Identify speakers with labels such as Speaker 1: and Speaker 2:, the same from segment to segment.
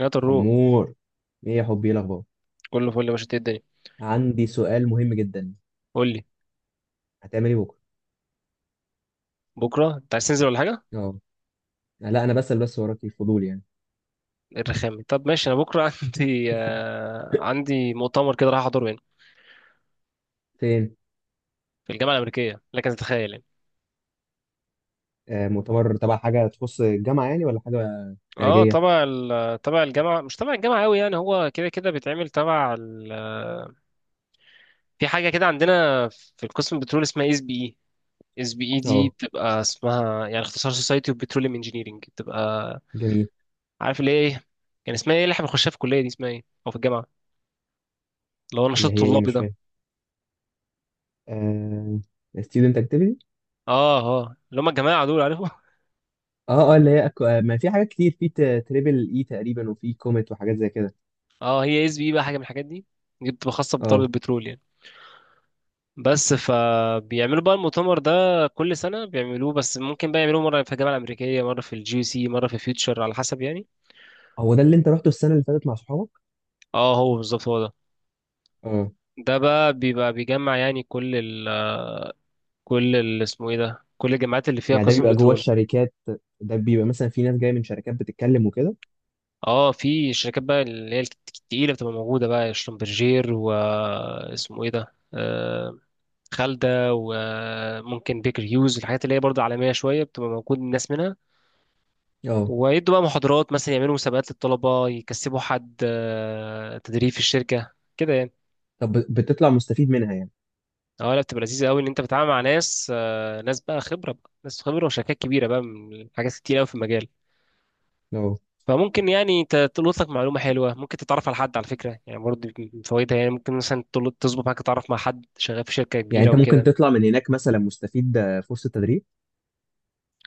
Speaker 1: يا طروق،
Speaker 2: عمور، ايه يا حبي، ايه الاخبار؟
Speaker 1: كله فل يا باشا. إنت، إيه الدنيا؟
Speaker 2: عندي سؤال مهم جدا.
Speaker 1: قول لي.
Speaker 2: هتعمل ايه بكره؟
Speaker 1: بكره انت عايز تنزل ولا حاجه؟
Speaker 2: اه. لا انا بسأل بس، وراك الفضول يعني.
Speaker 1: إيه الرخامه؟ طب ماشي، انا بكره عندي مؤتمر كده راح احضره هنا
Speaker 2: فين؟
Speaker 1: في الجامعه الامريكيه، لكن تتخيل يعني.
Speaker 2: مؤتمر تبع حاجه تخص الجامعه يعني، ولا حاجه
Speaker 1: اه،
Speaker 2: خارجيه؟
Speaker 1: تبع الجامعه، مش تبع الجامعه قوي يعني، هو كده كده بيتعمل تبع ال... آه، في حاجه كده عندنا في القسم البترول اسمها اس بي اي. اس بي اي دي
Speaker 2: اه
Speaker 1: بتبقى اسمها، يعني اختصار سوسايتي اوف بتروليوم انجينيرنج، بتبقى
Speaker 2: جميل.
Speaker 1: عارف اللي هي ايه. كان اسمها ايه اللي احنا بنخشها في الكليه دي؟ اسمها ايه او في الجامعه اللي هو نشاط
Speaker 2: اللي هي ايه؟
Speaker 1: طلابي
Speaker 2: مش
Speaker 1: ده؟
Speaker 2: فاهم. آه student activity.
Speaker 1: اه اه، اللي هم الجماعه دول، عارفهم.
Speaker 2: اه اه، اللي هي أكو... آه ما في حاجات كتير، في تريبل اي تقريبا، وفي كوميت وحاجات زي كده.
Speaker 1: اه، هي اس بي بقى حاجه من الحاجات دي. دي بتبقى خاصه بضرب
Speaker 2: اه،
Speaker 1: البترول يعني. بس فبيعملوا بقى المؤتمر ده كل سنه بيعملوه، بس ممكن بقى يعملوه مره في الجامعه الامريكيه، مره في الجي سي، مره في فيوتشر، على حسب يعني.
Speaker 2: هو ده اللي انت رحته السنه اللي فاتت مع صحابك؟
Speaker 1: اه، هو بالظبط هو ده.
Speaker 2: اه.
Speaker 1: ده بقى بيبقى بيجمع يعني كل ال اسمه ايه ده، كل الجامعات اللي فيها
Speaker 2: يعني ده
Speaker 1: قسم
Speaker 2: بيبقى جوه
Speaker 1: بترول.
Speaker 2: الشركات؟ ده بيبقى مثلا في ناس جايه من شركات بتتكلم وكده؟
Speaker 1: اه، في شركات بقى اللي هي التقيله بتبقى موجوده بقى، شلومبرجير، واسمه ايه ده، خالدة، وممكن بيكر هيوز، الحاجات اللي هي برضه عالمية شوية بتبقى موجود الناس منها.
Speaker 2: اه.
Speaker 1: ويدوا بقى محاضرات، مثلا يعملوا مسابقات للطلبة، يكسبوا حد تدريب في الشركة كده يعني.
Speaker 2: طب بتطلع مستفيد منها يعني؟
Speaker 1: اه لا، بتبقى لذيذة قوي ان انت بتتعامل مع ناس بقى خبرة، بقى ناس خبرة وشركات كبيرة بقى، من حاجات كتير قوي في المجال.
Speaker 2: اه.
Speaker 1: فممكن يعني تلقط لك معلومة حلوة، ممكن تتعرف على حد، على فكرة يعني، برضه من فوائدها يعني. ممكن مثلا تظبط معاك تتعرف مع حد شغال في شركة
Speaker 2: يعني
Speaker 1: كبيرة
Speaker 2: انت ممكن
Speaker 1: وكده.
Speaker 2: تطلع من هناك مثلا مستفيد، فرصة تدريب.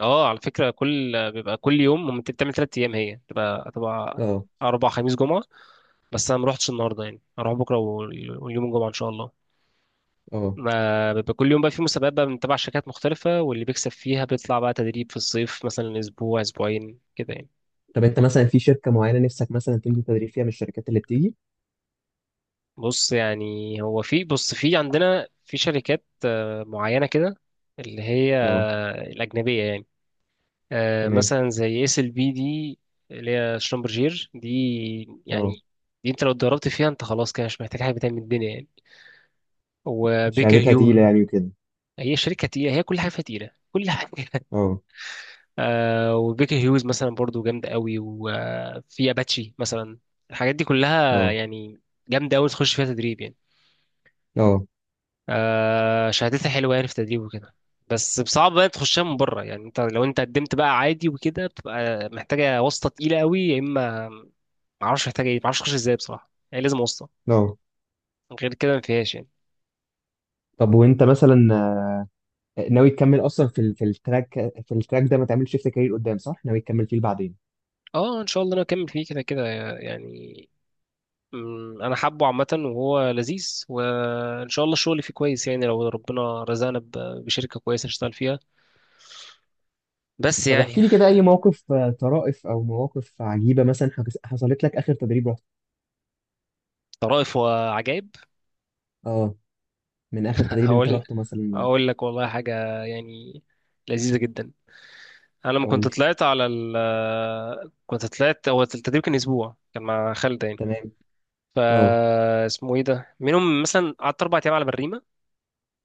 Speaker 1: اه، على فكرة كل بيبقى كل يوم، ممكن بتعمل تلات أيام، هي تبقى
Speaker 2: اه
Speaker 1: أربع، خميس جمعة. بس أنا مروحتش النهاردة يعني، هروح بكرة وال- واليوم الجمعة إن شاء الله.
Speaker 2: اه.
Speaker 1: ما بيبقى كل يوم بقى في مسابقات بقى من تبع شركات مختلفة، واللي بيكسب فيها بيطلع بقى تدريب في الصيف مثلا، أسبوع أسبوعين كده يعني.
Speaker 2: طب انت مثلا في شركة معينة نفسك مثلا تنزل تدريب فيها من الشركات اللي بتيجي؟
Speaker 1: بص يعني، هو في، بص، في عندنا في شركات معينة كده، اللي هي
Speaker 2: اه
Speaker 1: الأجنبية يعني،
Speaker 2: تمام.
Speaker 1: مثلا زي اس ال بي دي، اللي هي شلومبرجير دي يعني.
Speaker 2: اه،
Speaker 1: دي انت لو اتدربت فيها انت خلاص كده، مش محتاج حاجه تاني من الدنيا يعني. وبيكر
Speaker 2: شهادتها تقيلة
Speaker 1: هيو،
Speaker 2: يعني وكده.
Speaker 1: هي شركه تقيله، هي كل حاجه فيها تقيله، كل حاجه.
Speaker 2: اه
Speaker 1: وبيكر هيوز مثلا برضو جامده قوي، وفي اباتشي مثلا، الحاجات دي كلها
Speaker 2: اه
Speaker 1: يعني جامده قوي، تخش فيها تدريب يعني.
Speaker 2: اه
Speaker 1: شهادتها حلوه يعني، في تدريب وكده. بس صعب بقى تخشها من بره يعني. انت لو انت قدمت بقى عادي وكده، بتبقى محتاجه واسطه تقيله قوي، يا اما ما اعرفش محتاج ايه، ما اعرفش اخش ازاي بصراحه، يعني لازم واسطه.
Speaker 2: اه.
Speaker 1: غير كده ما فيهاش يعني.
Speaker 2: طب وانت مثلا، ناوي تكمل اصلا في التراك؟ في التراك ده ما تعملش شيفت كارير قدام صح؟ ناوي تكمل فيه بعدين؟
Speaker 1: اه ان شاء الله انا اكمل فيه كده كده يعني. انا حابه عامه وهو لذيذ، وان شاء الله الشغل فيه كويس يعني، لو ربنا رزقنا ب- بشركه كويسه نشتغل فيها، بس
Speaker 2: طب
Speaker 1: يعني.
Speaker 2: احكي لي كده اي موقف، طرائف او مواقف عجيبة مثلا حصلت لك اخر تدريب رحت.
Speaker 1: طرائف وعجائب؟
Speaker 2: اه. من اخر تدريب انت
Speaker 1: هقول،
Speaker 2: رحته مثلا.
Speaker 1: اقول لك والله حاجه يعني لذيذه جدا. انا لما
Speaker 2: قول
Speaker 1: كنت
Speaker 2: لي.
Speaker 1: طلعت على ال كنت طلعت هو التدريب كان اسبوع، كان مع خالد يعني.
Speaker 2: تمام. اه
Speaker 1: اسمه ايه ده، منهم مثلا قعدت اربع ايام على بريمه.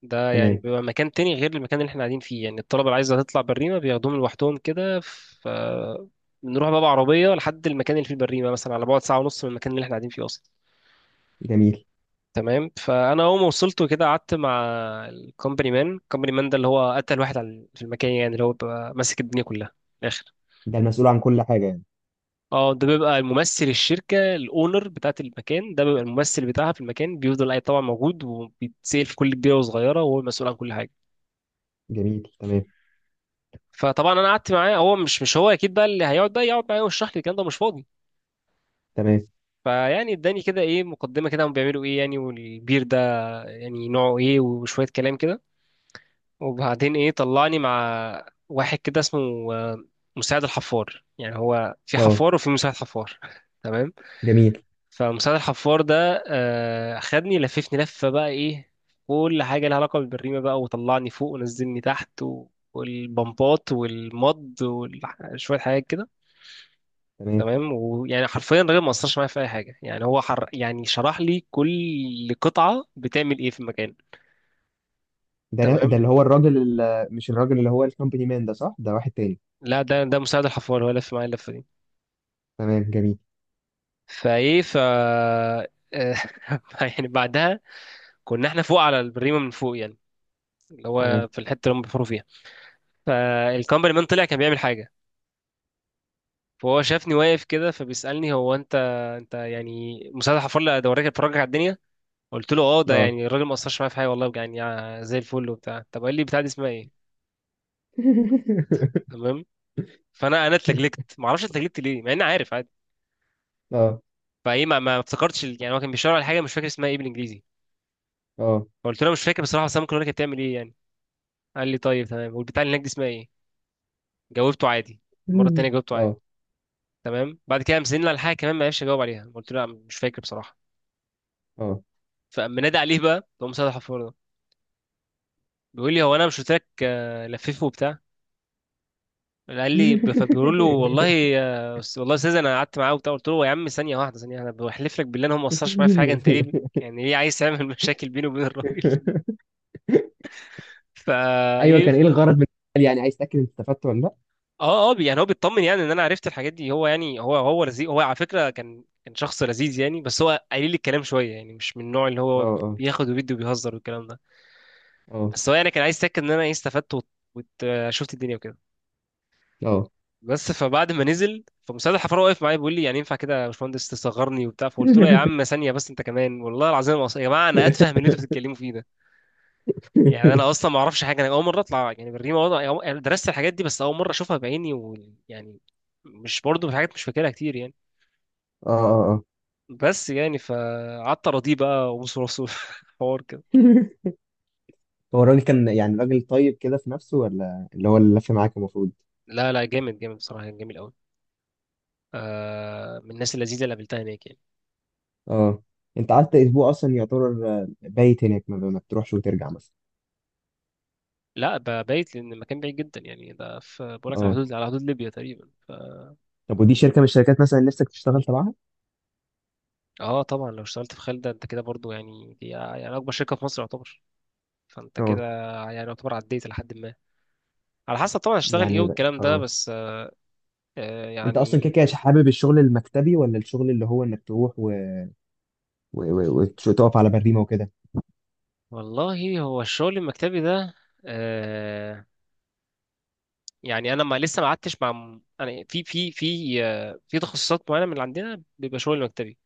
Speaker 1: ده يعني
Speaker 2: تمام
Speaker 1: بيبقى مكان تاني غير المكان اللي احنا قاعدين فيه يعني، الطلبة اللي عايزة تطلع بريمة بياخدوهم لوحدهم كده. ف بنروح بقى بعربية لحد المكان اللي فيه البريمة، مثلا على بعد ساعة ونص من المكان اللي احنا قاعدين فيه أصلا.
Speaker 2: جميل.
Speaker 1: تمام، فأنا أول ما وصلت وكده قعدت مع الكومباني مان. الكومباني مان ده اللي هو أتقل واحد في المكان يعني، اللي هو بيبقى ماسك الدنيا كلها من الآخر.
Speaker 2: ده المسؤول عن كل حاجة يعني؟
Speaker 1: اه، ده بيبقى الممثل الشركة الأونر، بتاعت المكان ده بيبقى الممثل بتاعها في المكان، بيفضل أي طبعا موجود وبيتسأل في كل كبيرة وصغيرة، وهو المسؤول عن كل حاجة.
Speaker 2: جميل تمام.
Speaker 1: فطبعا انا قعدت معاه، هو مش هو اكيد بقى اللي هيقعد بقى يقعد معايا ويشرح لي الكلام ده، مش فاضي.
Speaker 2: تمام
Speaker 1: فيعني اداني كده ايه مقدمه كده، هم بيعملوا ايه يعني، والبير ده يعني نوعه ايه، وشويه كلام كده. وبعدين ايه، طلعني مع واحد كده اسمه آه، مساعد الحفار. يعني هو في
Speaker 2: اه
Speaker 1: حفار وفي مساعد حفار. تمام.
Speaker 2: جميل
Speaker 1: فمساعد الحفار ده خدني لففني لفه بقى ايه، كل حاجه لها علاقه بالبريمه بقى، وطلعني فوق ونزلني تحت. والبمبات والمض وشوية حاجات كده.
Speaker 2: تمام.
Speaker 1: تمام، ويعني حرفيا الراجل ما اثرش معايا في اي حاجه يعني، هو حر يعني، شرح لي كل قطعه بتعمل ايه في المكان.
Speaker 2: ده
Speaker 1: تمام،
Speaker 2: اللي هو الراجل اللي، مش الراجل اللي هو الكومباني مان ده صح، ده واحد تاني؟
Speaker 1: لا، ده مساعد الحفار، هو لف معايا اللفه دي.
Speaker 2: تمام جميل.
Speaker 1: فايه ف آه، يعني بعدها كنا احنا فوق على البريمه، من فوق يعني، اللي
Speaker 2: تمام
Speaker 1: هو في الحته اللي هم بيحفروا فيها. فالكمبري مان طلع كان بيعمل حاجه، فهو شافني واقف كده فبيسالني: هو انت، انت يعني مساعد الحفار اللي ده وراك اتفرجك على الدنيا؟ قلت له اه، ده
Speaker 2: اه.
Speaker 1: يعني الراجل ما اثرش معايا في حاجه والله يعني، زي الفل وبتاع. طب قال لي: بتاع دي اسمها ايه؟ تمام. فانا اتلجلجت، ما اعرفش اتلجلجت ليه، مع اني عارف عادي.
Speaker 2: اه
Speaker 1: فايه ما, ما افتكرتش يعني، هو كان بيشاور على حاجه مش فاكر اسمها ايه بالانجليزي.
Speaker 2: اه
Speaker 1: فقلت له: مش فاكر بصراحه، بس انا ممكن اقول لك هي بتعمل ايه يعني. قال لي طيب تمام، والبتاع اللي هناك دي اسمها ايه؟ جاوبته عادي. المره التانيه جاوبته عادي.
Speaker 2: اه
Speaker 1: تمام. بعد كده قام سالني على حاجه كمان ما عرفش اجاوب عليها، قلت له لا مش فاكر بصراحه.
Speaker 2: اه.
Speaker 1: فقام نادي عليه بقى، تقوم مسدح الحفار ده، بيقول لي: هو انا مش قلت لك لففه وبتاع؟ قال لي، فبيقول له: والله والله يا استاذ انا قعدت معاه وبتاع. قلت له يا عم ثانيه واحده، ثانيه، انا بحلف لك بالله انا ما قصرش معايا في حاجه، انت ليه يعني ليه عايز تعمل مشاكل بيني وبين الراجل؟
Speaker 2: ايوه،
Speaker 1: ايه.
Speaker 2: كان ايه الغرض من السؤال؟ يعني عايز تاكد انت استفدت ولا لا؟
Speaker 1: اه اه، يعني هو بيطمن يعني ان انا عرفت الحاجات دي. هو يعني هو لذيذ، هو على فكره كان شخص لذيذ يعني، بس هو قليل الكلام شويه يعني، مش من النوع اللي هو
Speaker 2: اه
Speaker 1: بياخد وبيدي وبيهزر والكلام ده.
Speaker 2: اه اه
Speaker 1: بس هو يعني كان عايز يتاكد ان انا ايه استفدت وشفت الدنيا وكده.
Speaker 2: اه.
Speaker 1: بس، فبعد ما نزل فمستشفى الحفاره واقف معايا بيقول لي: يعني ينفع كده يا باشمهندس تصغرني وبتاع؟ فقلت له: يا عم ثانيه بس انت كمان، والله العظيم يا جماعه انا اتفه من اللي انتوا بتتكلموا فيه ده يعني. انا اصلا ما اعرفش حاجه، انا اول مره اطلع يعني بالريمه وضع، يعني درست الحاجات دي بس اول مره اشوفها بعيني، ويعني مش برضه في حاجات مش فاكرها كتير يعني.
Speaker 2: اه اه اه.
Speaker 1: بس يعني، فقعدت اراضيه بقى وبص راسه. حوار كده.
Speaker 2: هو الراجل كان يعني راجل طيب كده في نفسه، ولا اللي هو اللي لف معاك المفروض؟
Speaker 1: لا لا، جامد جامد بصراحه، كان جميل قوي. آه، من الناس اللذيذه اللي قابلتها هناك يعني.
Speaker 2: اه. انت قعدت اسبوع اصلا، يعتبر بايت هناك، ما بتروحش وترجع مثلا؟
Speaker 1: لا، بايت، لان المكان بعيد جدا يعني. ده، في، بقول لك على
Speaker 2: اه.
Speaker 1: حدود ليبيا تقريبا.
Speaker 2: طب ودي شركه من الشركات مثلا نفسك تشتغل تبعها؟
Speaker 1: اه طبعا، لو اشتغلت في خالد انت كده برضو يعني، دي يعني اكبر شركه في مصر يعتبر، فانت كده
Speaker 2: اه.
Speaker 1: يعني يعتبر عديت لحد ما، على حسب طبعا هشتغل ايه والكلام ده
Speaker 2: اه.
Speaker 1: بس.
Speaker 2: انت اصلا
Speaker 1: يعني
Speaker 2: كده كده حابب الشغل المكتبي، ولا الشغل اللي هو انك تروح و... وتقف على بريمه وكده؟
Speaker 1: والله، هو الشغل المكتبي ده آه يعني، انا ما لسه ما قعدتش مع، انا في تخصصات معينه من اللي عندنا بيبقى شغل مكتبي.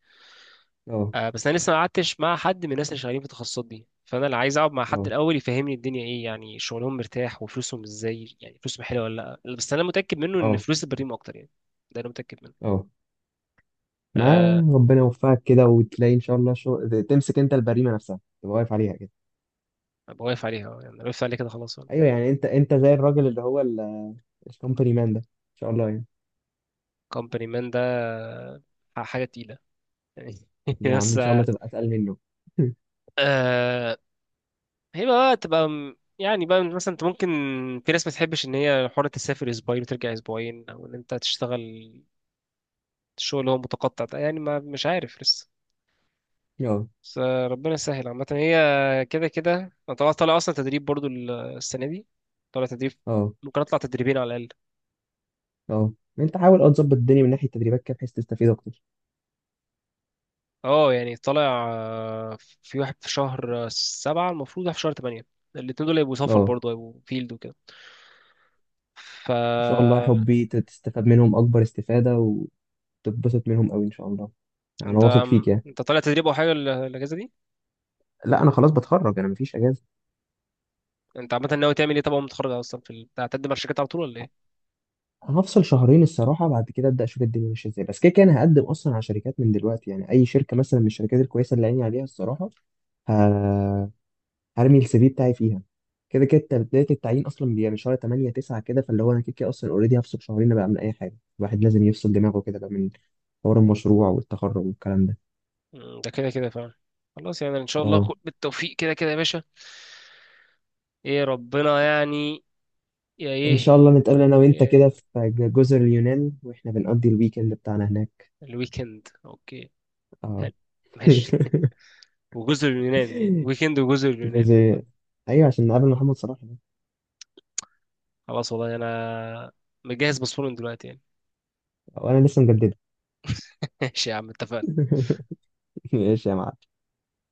Speaker 2: اه
Speaker 1: بس انا لسه ما قعدتش مع حد من الناس اللي شغالين في التخصصات دي، فانا اللي عايز اقعد مع حد
Speaker 2: اه
Speaker 1: الاول يفهمني الدنيا ايه، يعني شغلهم مرتاح وفلوسهم ازاي، يعني فلوسهم حلوه ولا لا، بس انا متاكد منه ان
Speaker 2: اه
Speaker 1: فلوس البريم اكتر يعني. ده انا متاكد منه.
Speaker 2: اه. ما
Speaker 1: أه.
Speaker 2: ربنا يوفقك كده، وتلاقي ان شاء الله شغل تمسك انت البريمه نفسها، تبقى واقف عليها كده.
Speaker 1: أبقى واقف عليها، يعني أنا وقفت عليه كده خلاص.
Speaker 2: ايوه، يعني انت زي الراجل اللي هو الكومباني مان ده ان شاء الله يعني.
Speaker 1: كومباني مان ده حاجه تقيله يعني.
Speaker 2: يا عم ان
Speaker 1: بس.
Speaker 2: شاء الله تبقى اتقل منه.
Speaker 1: آه، هي بقى تبقى يعني بقى، مثلا انت ممكن، في ناس ما تحبش ان هي حرة تسافر اسبوعين وترجع اسبوعين، او ان انت تشتغل شغل هو متقطع ده يعني، ما مش عارف لسه.
Speaker 2: اه
Speaker 1: بس ربنا يسهل عامة، هي كده كده. انا طالع اصلا تدريب برضو السنة دي. طالع تدريب،
Speaker 2: اه
Speaker 1: ممكن اطلع تدريبين على الأقل.
Speaker 2: اه. انت حاول اه تظبط الدنيا من ناحيه التدريبات كده، بحيث تستفيد اكتر.
Speaker 1: اه يعني طالع، آه، في واحد في شهر سبعة، المفروض واحد في شهر تمانية. الاتنين دول هيبقوا سفر
Speaker 2: اه
Speaker 1: برضو، هيبقوا فيلد وكده. ف
Speaker 2: ان شاء الله يا حبي، تستفاد منهم اكبر استفاده، وتتبسط منهم قوي ان شاء الله. انا
Speaker 1: انت
Speaker 2: واثق فيك يعني.
Speaker 1: انت طالع تدريب او حاجة الاجازة دي؟
Speaker 2: لا انا خلاص بتخرج، انا مفيش اجازه.
Speaker 1: انت عامة ناوي تعمل ايه؟ طبعا لما تتخرج اصلا هتقدم على الشركات على طول ولا ايه؟
Speaker 2: هفصل شهرين الصراحه، بعد كده ابدا اشوف الدنيا ماشيه ازاي، بس كده كده انا هقدم اصلا على شركات من دلوقتي، يعني اي شركه مثلا من الشركات الكويسه اللي عيني عليها الصراحه. ه... هرمي السي في بتاعي فيها. كده كده بداية التعيين أصلا بيبقى من شهر 8 9 كده، فاللي هو أنا كده كده أصلا أوريدي هفصل شهرين بقى من أي حاجة. الواحد لازم يفصل دماغه كده بقى من حوار المشروع والتخرج والكلام ده.
Speaker 1: ده كده كده فعلا. خلاص يعني، ان شاء الله
Speaker 2: أه.
Speaker 1: بالتوفيق كده كده يا باشا. ايه ربنا يعني، يا
Speaker 2: إن شاء
Speaker 1: ايه.
Speaker 2: الله نتقابل أنا وأنت كده
Speaker 1: إيه،
Speaker 2: في جزر اليونان، وإحنا بنقضي الويكند بتاعنا هناك.
Speaker 1: الويكند اوكي،
Speaker 2: أه.
Speaker 1: حلو، ماشي. وجزر اليونان يعني، ويكند وجزر اليونان.
Speaker 2: جزر. أيوة عشان نقابل محمد صلاح ده.
Speaker 1: خلاص والله، انا مجهز باسبور من دلوقتي يعني.
Speaker 2: وأنا لسه مجددة.
Speaker 1: ماشي يا عم، اتفقنا.
Speaker 2: ماشي يا معلم.